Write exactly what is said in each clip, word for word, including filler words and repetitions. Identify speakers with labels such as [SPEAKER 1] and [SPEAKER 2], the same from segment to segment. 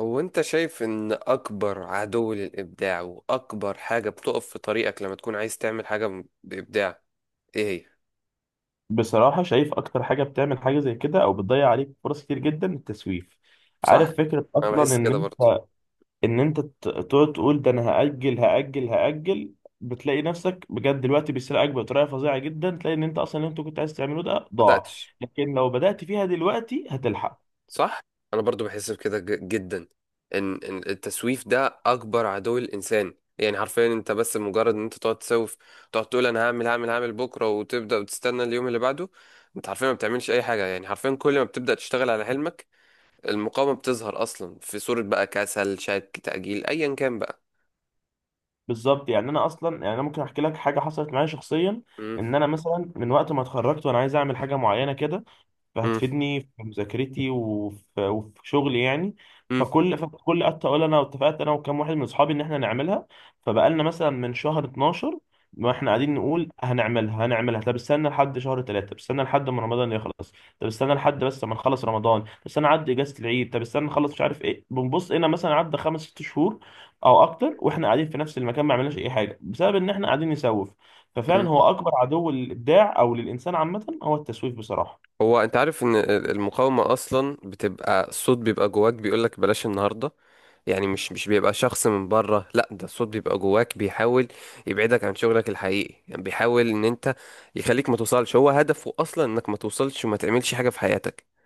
[SPEAKER 1] هو انت شايف ان اكبر عدو للابداع واكبر حاجة بتقف في طريقك لما تكون عايز تعمل حاجة م- بابداع؟ ايه هي؟
[SPEAKER 2] بصراحة شايف أكتر حاجة بتعمل حاجة زي كده أو بتضيع عليك فرص كتير جدا التسويف.
[SPEAKER 1] صح.
[SPEAKER 2] عارف فكرة
[SPEAKER 1] انا
[SPEAKER 2] أصلا
[SPEAKER 1] بحس
[SPEAKER 2] إن
[SPEAKER 1] كده برضو.
[SPEAKER 2] أنت، إن أنت ت- تقعد تقول ده أنا هأجل هأجل هأجل. بتلاقي نفسك بجد الوقت بيسرقك بطريقة فظيعة جدا، تلاقي إن أنت أصلا اللي أنت كنت عايز تعمله ده ضاع.
[SPEAKER 1] بدأتش؟
[SPEAKER 2] لكن لو بدأت فيها دلوقتي هتلحق.
[SPEAKER 1] صح. انا برضو بحس بكده ج- جدا. ان ان التسويف ده اكبر عدو الانسان، يعني حرفيا انت بس مجرد ان انت تقعد تسوف. تقعد تقول انا هعمل هعمل هعمل بكرة، وتبدأ وتستنى اليوم اللي بعده. انت حرفيا ما بتعملش اي حاجة، يعني حرفيا كل ما بتبدأ تشتغل على حلمك المقاومة بتظهر أصلا في صورة بقى كسل، شك، تأجيل، أيا كان بقى.
[SPEAKER 2] بالظبط، يعني أنا أصلا، يعني أنا ممكن أحكي لك حاجة حصلت معايا شخصيا.
[SPEAKER 1] مم.
[SPEAKER 2] إن أنا مثلا من وقت ما اتخرجت وأنا عايز أعمل حاجة معينة كده،
[SPEAKER 1] مم.
[SPEAKER 2] فهتفيدني في مذاكرتي وفي, وفي شغلي يعني.
[SPEAKER 1] مم.
[SPEAKER 2] فكل فكل قعدت اقول انا اتفقت انا وكام واحد من اصحابي ان احنا نعملها. فبقالنا مثلا من شهر اتناشر، ما احنا قاعدين نقول هنعملها هنعملها، طب استنى لحد شهر تلاتة، طب استنى لحد ما رمضان يخلص، طب استنى لحد بس ما نخلص رمضان، طب استنى عدى اجازة العيد، طب استنى نخلص مش عارف ايه. بنبص هنا مثلا عدى خمس ست شهور او اكتر، واحنا قاعدين في نفس المكان ما عملناش اي حاجه بسبب ان احنا قاعدين نسوف.
[SPEAKER 1] مم.
[SPEAKER 2] ففعلا هو اكبر عدو للابداع او للانسان عامه هو التسويف بصراحه.
[SPEAKER 1] هو أنت عارف إن ال- المقاومة أصلا بتبقى الصوت بيبقى جواك بيقولك بلاش النهاردة؟ يعني مش مش بيبقى شخص من بره، لا، ده الصوت بيبقى جواك بيحاول يبعدك عن شغلك الحقيقي. يعني بيحاول إن أنت يخليك ما توصلش، هو هدفه أصلا إنك ما توصلش وما تعملش حاجة في حياتك.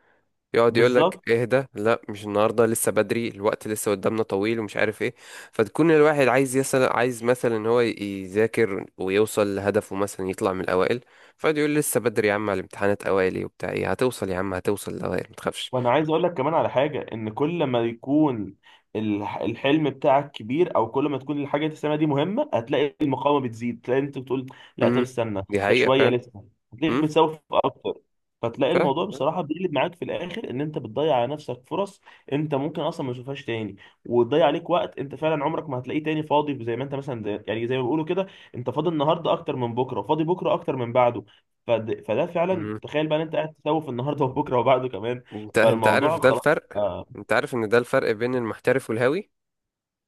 [SPEAKER 1] يقعد يقول
[SPEAKER 2] بالظبط.
[SPEAKER 1] لك اهدى، لا مش النهارده، لسه بدري، الوقت لسه قدامنا طويل، ومش عارف ايه. فتكون الواحد عايز يسأل، عايز مثلا ان هو يذاكر ويوصل لهدفه، مثلا يطلع من الاوائل، فيقعد يقول لسه بدري يا عم، على الامتحانات اوائل وبتاع ايه، هتوصل يا عم، هتوصل الاوائل، ما تخافش.
[SPEAKER 2] وانا عايز اقول لك كمان على حاجه، ان كل ما يكون الح- الحلم بتاعك كبير، او كل ما تكون الحاجه اللي تسميها دي مهمه، هتلاقي المقاومه بتزيد. تلاقي انت بتقول لا طب
[SPEAKER 1] امم
[SPEAKER 2] استنى،
[SPEAKER 1] دي
[SPEAKER 2] ده
[SPEAKER 1] حقيقة
[SPEAKER 2] شويه
[SPEAKER 1] فعلا.
[SPEAKER 2] لسه. هتلاقيك
[SPEAKER 1] امم
[SPEAKER 2] بتسوف اكتر. فتلاقي
[SPEAKER 1] فعلا.
[SPEAKER 2] الموضوع بصراحه بيقلب معاك في الاخر، ان انت بتضيع على نفسك فرص انت ممكن اصلا ما تشوفهاش تاني، وتضيع عليك وقت انت فعلا عمرك ما هتلاقيه تاني فاضي. زي ما انت مثلا زي- يعني زي ما بيقولوا كده، انت فاضي النهارده اكتر من بكره، وفاضي بكره اكتر من بعده. فد- فده فعلا،
[SPEAKER 1] امم.
[SPEAKER 2] تخيل بقى ان انت قاعد تسوف النهارده وبكره وبعده كمان.
[SPEAKER 1] انت انت عارف
[SPEAKER 2] فالموضوع
[SPEAKER 1] ده
[SPEAKER 2] خلاص.
[SPEAKER 1] الفرق؟
[SPEAKER 2] آه،
[SPEAKER 1] انت عارف ان ده الفرق بين المحترف والهاوي.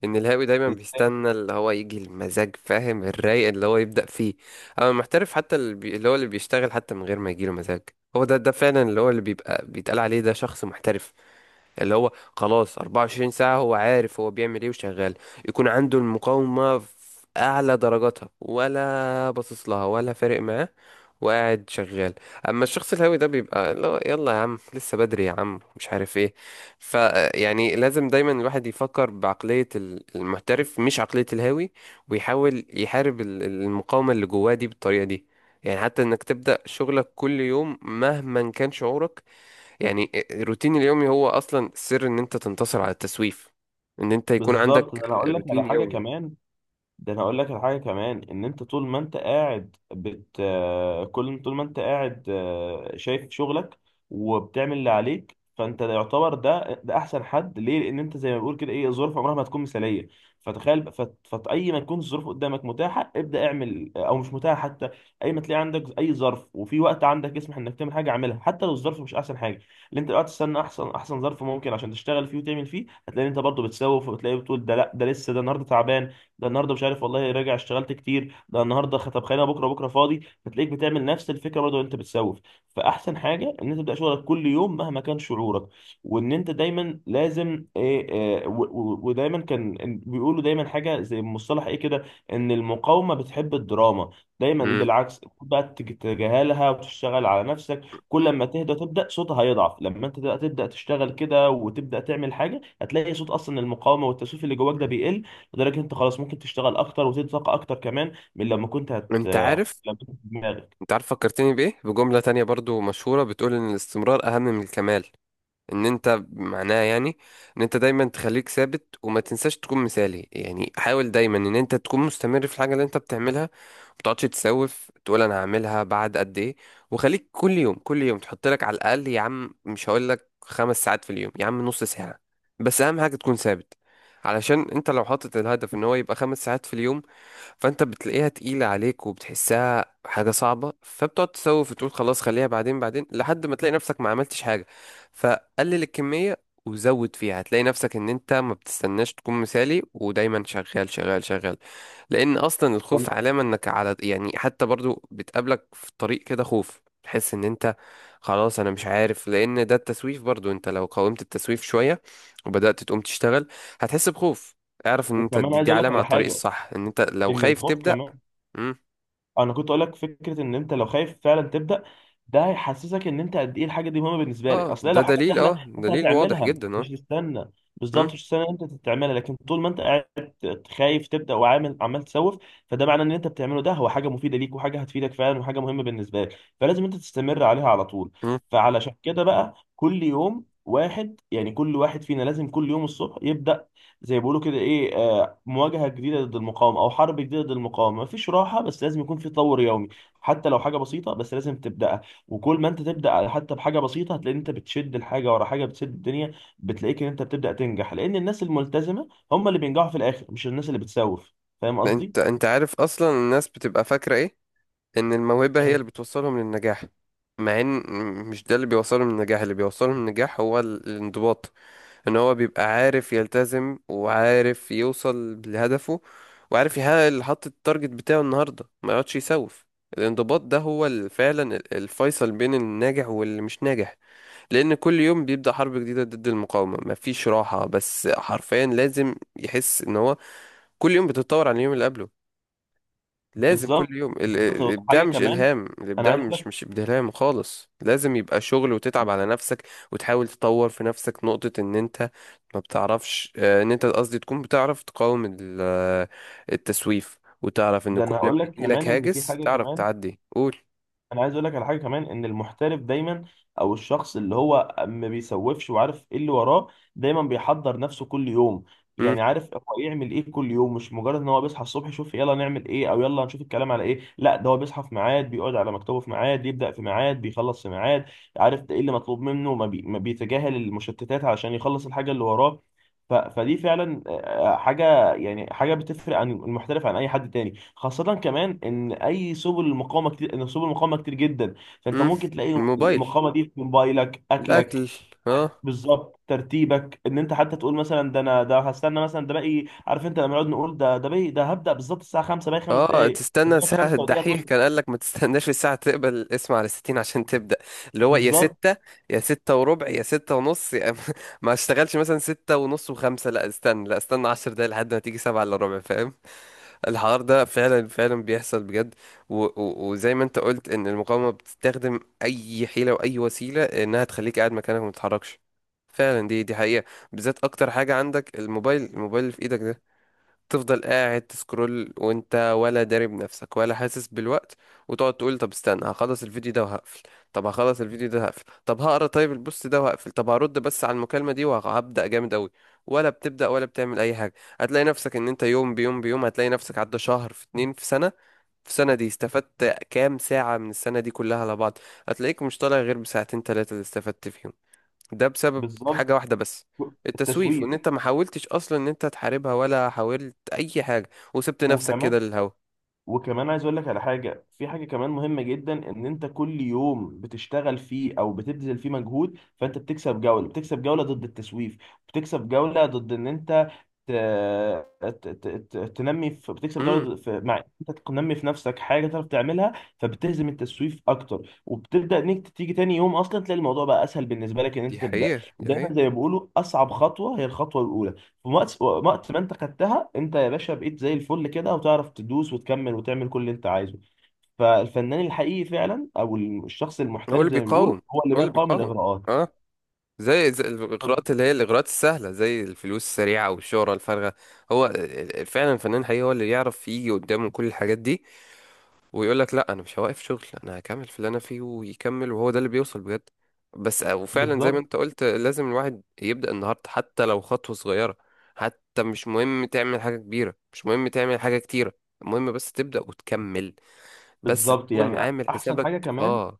[SPEAKER 1] ان الهاوي دايما
[SPEAKER 2] ازاي؟
[SPEAKER 1] بيستنى اللي هو يجي المزاج، فاهم، الرايق اللي هو يبدأ فيه. اما المحترف حتى اللي, بي... اللي هو اللي بيشتغل حتى من غير ما يجيله مزاج. هو ده ده فعلا اللي هو اللي بيبقى بيتقال عليه ده شخص محترف. اللي هو خلاص أربعة وعشرين ساعة هو عارف هو بيعمل ايه وشغال، يكون عنده المقاومة في أعلى درجاتها ولا باصص لها ولا فارق معاه، وقاعد شغال. اما الشخص الهاوي ده بيبقى اللي هو يلا يا عم لسه بدري يا عم مش عارف ايه. ف يعني لازم دايما الواحد يفكر بعقلية ال- المحترف مش عقلية الهاوي، ويحاول يحارب ال- المقاومة اللي جواه دي بالطريقة دي. يعني حتى انك تبدأ شغلك كل يوم مهما كان شعورك، يعني الروتين اليومي هو اصلا سر ان انت تنتصر على التسويف، ان انت يكون عندك
[SPEAKER 2] بالظبط. ده انا اقول لك على
[SPEAKER 1] روتين
[SPEAKER 2] حاجه
[SPEAKER 1] يومي.
[SPEAKER 2] كمان، ده انا اقول لك الحاجه كمان، ان انت طول ما انت قاعد بت آه، كل طول ما انت قاعد، آه، شايف شغلك وبتعمل اللي عليك، فانت ده يعتبر، ده ده احسن حد ليه، لان انت زي ما بيقول كده ايه، الظروف عمرها ما تكون مثاليه. فتخيل، فاي ما تكون الظروف قدامك متاحه ابدا اعمل، آه، او مش متاحه حتى، اي ما تلاقي عندك اي ظرف وفي وقت عندك يسمح انك تعمل حاجه، اعملها حتى لو الظرف مش احسن حاجه. اللي انت دلوقتي تستنى احسن احسن ظرف ممكن عشان تشتغل فيه وتعمل فيه، هتلاقي إن انت برضه بتسوف، وبتلاقي بتقول ده لا ده لسه، ده النهارده تعبان، ده النهارده مش عارف والله راجع اشتغلت كتير، ده النهارده خطب خانه، بكره بكره فاضي، فتلاقيك بتعمل نفس الفكره برضه وانت بتسوف. فاحسن حاجه ان انت تبدا شغلك كل يوم مهما كان شعورك. وان انت دايما لازم ايه، آه، و- و- ودايما كان إن- بيقولوا دايما حاجه زي مصطلح ايه كده، ان المقاومه بتحب الدراما. دايما
[SPEAKER 1] مم.
[SPEAKER 2] بالعكس خد بقى تج- تتجاهلها وتشتغل على نفسك. كل ما تهدى تبدا صوتها هيضعف. لما انت تبدا تبدأ تشتغل كده وتبدا تعمل حاجه، هتلاقي صوت اصلا المقاومه والتسويف اللي جواك ده بيقل، لدرجه إن انت خلاص ممكن تشتغل اكتر وتزيد طاقه اكتر كمان من لما كنت هت،
[SPEAKER 1] انت عارف
[SPEAKER 2] لما كنت في دماغك.
[SPEAKER 1] انت عارف فكرتني بايه؟ بجملة تانية برضو مشهورة بتقول ان الاستمرار اهم من الكمال. ان انت معناه يعني ان انت دايما تخليك ثابت وما تنساش تكون مثالي، يعني حاول دايما ان انت تكون مستمر في الحاجه اللي انت بتعملها. ما تقعدش تسوف تقول انا هعملها بعد قد ايه. وخليك كل يوم كل يوم تحط لك على الاقل، يا عم مش هقول لك خمس ساعات في اليوم، يا عم نص ساعه، بس اهم حاجه تكون ثابت. علشان انت لو حاطط الهدف ان هو يبقى خمس ساعات في اليوم، فانت بتلاقيها تقيلة عليك وبتحسها حاجة صعبة فبتقعد تسوف وتقول خلاص خليها بعدين بعدين، لحد ما تلاقي نفسك ما عملتش حاجة. فقلل الكمية وزود فيها، هتلاقي نفسك ان انت ما بتستناش تكون مثالي، ودايما شغال شغال شغال. لان اصلا الخوف علامه انك على، يعني حتى برضو بتقابلك في الطريق كده خوف، تحس ان انت خلاص انا مش عارف. لان ده التسويف برضو، انت لو قاومت التسويف شويه وبدات تقوم تشتغل هتحس بخوف. اعرف ان انت
[SPEAKER 2] وكمان
[SPEAKER 1] دي,
[SPEAKER 2] عايز
[SPEAKER 1] دي
[SPEAKER 2] اقول لك
[SPEAKER 1] علامه على
[SPEAKER 2] على
[SPEAKER 1] الطريق
[SPEAKER 2] حاجه،
[SPEAKER 1] الصح، ان انت لو
[SPEAKER 2] ان
[SPEAKER 1] خايف
[SPEAKER 2] الخوف
[SPEAKER 1] تبدا.
[SPEAKER 2] كمان،
[SPEAKER 1] مم.
[SPEAKER 2] انا كنت اقول لك فكره، ان انت لو خايف فعلا تبدا، ده هيحسسك ان انت قد ايه الحاجه دي مهمه بالنسبه
[SPEAKER 1] اه
[SPEAKER 2] لك. اصل هي
[SPEAKER 1] ده
[SPEAKER 2] لو حاجه
[SPEAKER 1] دليل،
[SPEAKER 2] سهله
[SPEAKER 1] اه،
[SPEAKER 2] انت
[SPEAKER 1] دليل واضح
[SPEAKER 2] هتعملها
[SPEAKER 1] جدا، اه.
[SPEAKER 2] مش تستنى.
[SPEAKER 1] مم.
[SPEAKER 2] بالظبط مش تستنى إن انت تعملها، لكن طول ما انت قاعد خايف تبدا وعامل عمال تسوف، فده معناه ان انت بتعمله ده هو حاجه مفيده ليك وحاجه هتفيدك فعلا وحاجه مهمه بالنسبه لك، فلازم انت تستمر عليها على طول.
[SPEAKER 1] مم.
[SPEAKER 2] فعلشان كده بقى كل يوم واحد، يعني كل واحد فينا لازم كل يوم الصبح يبدا زي ما بيقولوا كده ايه، آه، مواجهة جديدة ضد المقاومة أو حرب جديدة ضد المقاومة. مفيش راحة، بس لازم يكون في تطور يومي. حتى لو حاجة بسيطة بس لازم تبدأها. وكل ما أنت تبدأ حتى بحاجة بسيطة، هتلاقي إن أنت بتشد الحاجة ورا حاجة بتسد الدنيا. بتلاقيك إن أنت بتبدأ تنجح، لأن الناس الملتزمة هم اللي بينجحوا في الآخر، مش الناس اللي بتسوف. فاهم
[SPEAKER 1] انت
[SPEAKER 2] قصدي؟
[SPEAKER 1] انت عارف اصلا الناس بتبقى فاكره ايه؟ ان الموهبه هي
[SPEAKER 2] إيه.
[SPEAKER 1] اللي بتوصلهم للنجاح، مع ان مش ده اللي بيوصلهم للنجاح. اللي بيوصلهم للنجاح هو ال- الانضباط. ان هو بيبقى عارف يلتزم وعارف يوصل لهدفه وعارف يحقق اللي حط التارجت بتاعه النهارده، ما يقعدش يسوف. الانضباط ده هو ال- فعلا ال- الفيصل بين الناجح واللي مش ناجح. لان كل يوم بيبدأ حرب جديدة ضد المقاومة، مفيش راحة، بس حرفيا لازم يحس ان هو كل يوم بتتطور عن اليوم اللي قبله. لازم
[SPEAKER 2] بالظبط.
[SPEAKER 1] كل يوم ال- ال- الابداع
[SPEAKER 2] حاجة
[SPEAKER 1] مش
[SPEAKER 2] كمان
[SPEAKER 1] الهام،
[SPEAKER 2] أنا
[SPEAKER 1] الابداع
[SPEAKER 2] عايز أقول
[SPEAKER 1] مش
[SPEAKER 2] لك،
[SPEAKER 1] مش ابداع خالص، لازم يبقى شغل وتتعب على نفسك وتحاول تطور في نفسك نقطة ان انت ما بتعرفش آه، ان انت، قصدي تكون بتعرف تقاوم ال- آه، التسويف. وتعرف ان
[SPEAKER 2] ده
[SPEAKER 1] كل
[SPEAKER 2] أنا
[SPEAKER 1] ما
[SPEAKER 2] هقول لك
[SPEAKER 1] يجيلك
[SPEAKER 2] كمان إن في
[SPEAKER 1] هاجس
[SPEAKER 2] حاجة
[SPEAKER 1] تعرف
[SPEAKER 2] كمان.
[SPEAKER 1] تعدي قول
[SPEAKER 2] انا عايز اقول لك على حاجه كمان، ان المحترف دايما، او الشخص اللي هو ما بيسوفش وعارف ايه اللي وراه، دايما بيحضر نفسه كل يوم. يعني عارف هو يعمل ايه كل يوم، مش مجرد ان هو بيصحى الصبح يشوف يلا نعمل ايه او يلا نشوف الكلام على ايه، لا، ده هو بيصحى في ميعاد، بيقعد على مكتبه في ميعاد، يبدا في ميعاد، بيخلص في ميعاد. عارف ده ايه اللي مطلوب منه. ما, بي... ما بيتجاهل المشتتات علشان يخلص الحاجه اللي وراه. ف... فدي فعلا، آه، حاجه يعني، حاجه بتفرق عن المحترف عن اي حد تاني، خاصه كمان ان اي سبل المقاومه كتير، ان سبل المقاومه كتير جدا. فانت
[SPEAKER 1] امم
[SPEAKER 2] ممكن تلاقي
[SPEAKER 1] الموبايل،
[SPEAKER 2] المقاومه دي في موبايلك، اكلك،
[SPEAKER 1] الاكل. اه.
[SPEAKER 2] بالظبط، ترتيبك، ان انت حتى تقول مثلا ده انا ده هستنى مثلا ده باقي، عارف انت لما نقعد نقول ده ده باقي ده هبدا بالظبط الساعه خمسة، باقي خمس
[SPEAKER 1] اه،
[SPEAKER 2] دقائق
[SPEAKER 1] تستنى
[SPEAKER 2] لغايه
[SPEAKER 1] ساعة
[SPEAKER 2] خمسة ودقيقه
[SPEAKER 1] الدحيح
[SPEAKER 2] تقول.
[SPEAKER 1] كان قال لك ما تستناش الساعة تقبل الاسم على ستين عشان تبدأ. اللي هو يا
[SPEAKER 2] بالظبط.
[SPEAKER 1] ستة، يا ستة وربع، يا ستة ونص، يا ما اشتغلش مثلا ستة ونص وخمسة، لا استنى، لا استنى عشر دقايق لحد ما تيجي سبعة الا ربع، فاهم؟ الحوار ده فعلا فعلا بيحصل بجد. و... و... وزي ما انت قلت ان المقاومة بتستخدم اي حيلة واي وسيلة انها تخليك قاعد مكانك وما تتحركش. فعلا دي دي حقيقة. بالذات اكتر حاجة عندك الموبايل، الموبايل اللي في ايدك ده، تفضل قاعد تسكرول وانت ولا داري بنفسك ولا حاسس بالوقت. وتقعد تقول طب استنى هخلص الفيديو ده وهقفل، طب هخلص الفيديو ده هقفل، طب هقرا طيب البوست ده وهقفل، طب هرد بس على المكالمة دي وهبدأ جامد قوي، ولا بتبدأ ولا بتعمل اي حاجة. هتلاقي نفسك ان انت يوم بيوم بيوم هتلاقي نفسك عدى شهر في اتنين في سنة. في سنة دي استفدت كام ساعة من السنة دي كلها على بعض؟ هتلاقيك مش طالع غير بساعتين تلاتة اللي استفدت فيهم. ده بسبب
[SPEAKER 2] بالظبط.
[SPEAKER 1] حاجة واحدة بس، التسويف، وان
[SPEAKER 2] التسويف.
[SPEAKER 1] انت ما حاولتش اصلا ان انت تحاربها ولا حاولت اي حاجة وسبت نفسك
[SPEAKER 2] وكمان
[SPEAKER 1] كده للهوا.
[SPEAKER 2] وكمان عايز اقول لك على حاجه، في حاجه كمان مهمه جدا، ان انت كل يوم بتشتغل فيه او بتبذل فيه مجهود، فانت بتكسب جوله، بتكسب جوله ضد التسويف، بتكسب جوله ضد ان انت ت... ت... ت... ت... تنمي في... بتكسب
[SPEAKER 1] امم
[SPEAKER 2] جوله في، مع انت تنمي في نفسك حاجه تعرف تعملها. فبتهزم التسويف اكتر، وبتبدا انك تيجي تاني يوم اصلا تلاقي الموضوع بقى اسهل بالنسبه لك ان انت
[SPEAKER 1] دي
[SPEAKER 2] تبدا.
[SPEAKER 1] حقيقة، دي
[SPEAKER 2] دايما
[SPEAKER 1] حقيقة.
[SPEAKER 2] زي ما بيقولوا اصعب خطوه هي الخطوه الاولى. في وقت وقت ما انت خدتها انت يا باشا، بقيت زي الفل كده، وتعرف تدوس وتكمل وتعمل كل اللي انت عايزه. فالفنان الحقيقي فعلا، او الشخص
[SPEAKER 1] هو
[SPEAKER 2] المحترف
[SPEAKER 1] اللي
[SPEAKER 2] زي ما بيقولوا،
[SPEAKER 1] بيقاوم،
[SPEAKER 2] هو اللي
[SPEAKER 1] هو
[SPEAKER 2] ما
[SPEAKER 1] اللي
[SPEAKER 2] يقاوم
[SPEAKER 1] بيقاوم،
[SPEAKER 2] الاغراءات.
[SPEAKER 1] اه، زي, زي
[SPEAKER 2] طب.
[SPEAKER 1] الاغراءات اللي هي الاغراءات السهلة زي الفلوس السريعة والشهرة الفارغة. هو فعلا الفنان الحقيقي هو اللي يعرف يجي قدامه كل الحاجات دي، ويقول لك لا انا مش هوقف شغل انا هكمل في اللي انا فيه، ويكمل، وهو ده اللي بيوصل بجد. بس آه، وفعلا زي ما
[SPEAKER 2] بالظبط.
[SPEAKER 1] انت قلت لازم الواحد يبدأ النهارده حتى لو خطوة صغيرة. حتى مش مهم تعمل حاجة كبيرة، مش مهم تعمل حاجة كتيرة، المهم بس تبدأ وتكمل، بس
[SPEAKER 2] بالظبط
[SPEAKER 1] تكون
[SPEAKER 2] يعني
[SPEAKER 1] عامل
[SPEAKER 2] احسن
[SPEAKER 1] حسابك.
[SPEAKER 2] حاجه كمان،
[SPEAKER 1] اه.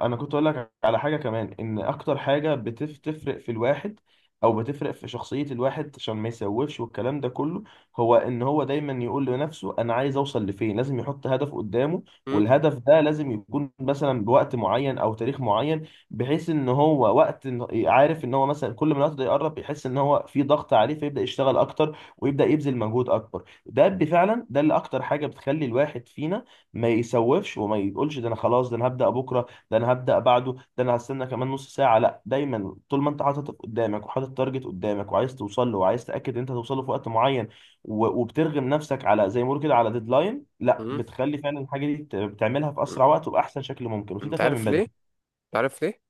[SPEAKER 2] انا كنت اقول لك على حاجه كمان، ان اكتر حاجه بتفرق في الواحد او بتفرق في شخصيه الواحد عشان ما يسوفش والكلام ده كله، هو ان هو دايما يقول لنفسه انا عايز اوصل لفين، لازم يحط هدف قدامه.
[SPEAKER 1] م-
[SPEAKER 2] والهدف ده لازم يكون مثلا بوقت معين او تاريخ معين، بحيث ان هو وقت إن- عارف ان هو مثلا كل ما الوقت ده يقرب يحس ان هو في ضغط عليه فيبدا يشتغل اكتر ويبدا يبذل مجهود اكبر. ده بفعلا ده اللي اكتر حاجه بتخلي الواحد فينا ما يسوفش وما يقولش ده انا خلاص ده انا هبدا بكره، ده انا هبدا بعده، ده انا هستنى كمان نص ساعه. لا، دايما طول ما انت حاطط قدامك وحاطط تارجت قدامك وعايز توصل له وعايز تاكد ان انت توصل له في وقت معين، و- وبترغم نفسك على زي ما بيقولوا كده على ديدلاين، لا،
[SPEAKER 1] م-
[SPEAKER 2] بتخلي فعلا الحاجه دي بت- بتعملها في
[SPEAKER 1] م-
[SPEAKER 2] اسرع وقت وباحسن شكل ممكن وفي
[SPEAKER 1] انت
[SPEAKER 2] تفاهم من
[SPEAKER 1] عارف ليه؟
[SPEAKER 2] بدري.
[SPEAKER 1] انت عارف ليه؟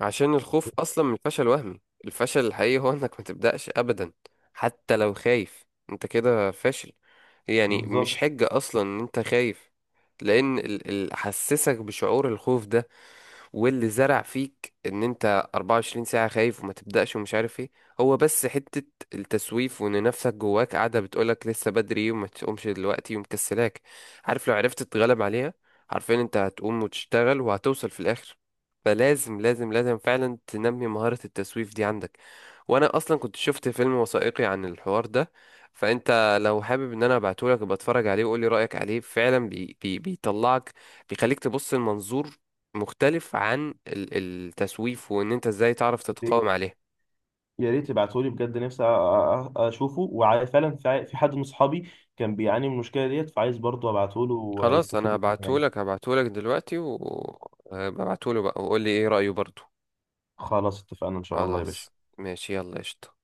[SPEAKER 1] عشان الخوف اصلا من الفشل وهمي. الفشل الحقيقي هو انك ما تبدأش ابدا، حتى لو خايف انت كده فاشل، يعني مش
[SPEAKER 2] بالظبط.
[SPEAKER 1] حجة أصلا إن أنت خايف. لأن ال- اللي حسسك بشعور الخوف ده واللي زرع فيك إن أنت أربعة وعشرين ساعة خايف وما تبدأش ومش عارف إيه هو بس حتة التسويف، وإن نفسك جواك قاعدة بتقولك لسه بدري وما تقومش دلوقتي ومكسلاك. عارف لو عرفت تتغلب عليها، عارفين أنت هتقوم وتشتغل وهتوصل في الآخر. فلازم لازم لازم فعلا تنمي مهارة التسويف دي عندك. وانا اصلا كنت شفت فيلم وثائقي عن الحوار ده، فانت لو حابب ان انا ابعتهولك ابقى اتفرج عليه وقولي رايك عليه، فعلا بي بي بيطلعك، بيخليك تبص لمنظور مختلف عن ال- التسويف، وان انت ازاي تعرف تتقاوم عليه.
[SPEAKER 2] يا ريت تبعتهولي بجد، نفسي أ- أ- أ- اشوفه، وفعلا في في حد من اصحابي كان بيعاني من المشكله ديت، فعايز برضه ابعتهوله
[SPEAKER 1] خلاص
[SPEAKER 2] ويستفيد
[SPEAKER 1] انا
[SPEAKER 2] منه يعني.
[SPEAKER 1] هبعتهولك هبعتهولك دلوقتي وابعتهوله بقى، وقولي ايه رايه برضو.
[SPEAKER 2] خلاص اتفقنا ان شاء الله يا
[SPEAKER 1] خلاص،
[SPEAKER 2] باشا.
[SPEAKER 1] ماشي، يلا قشطة.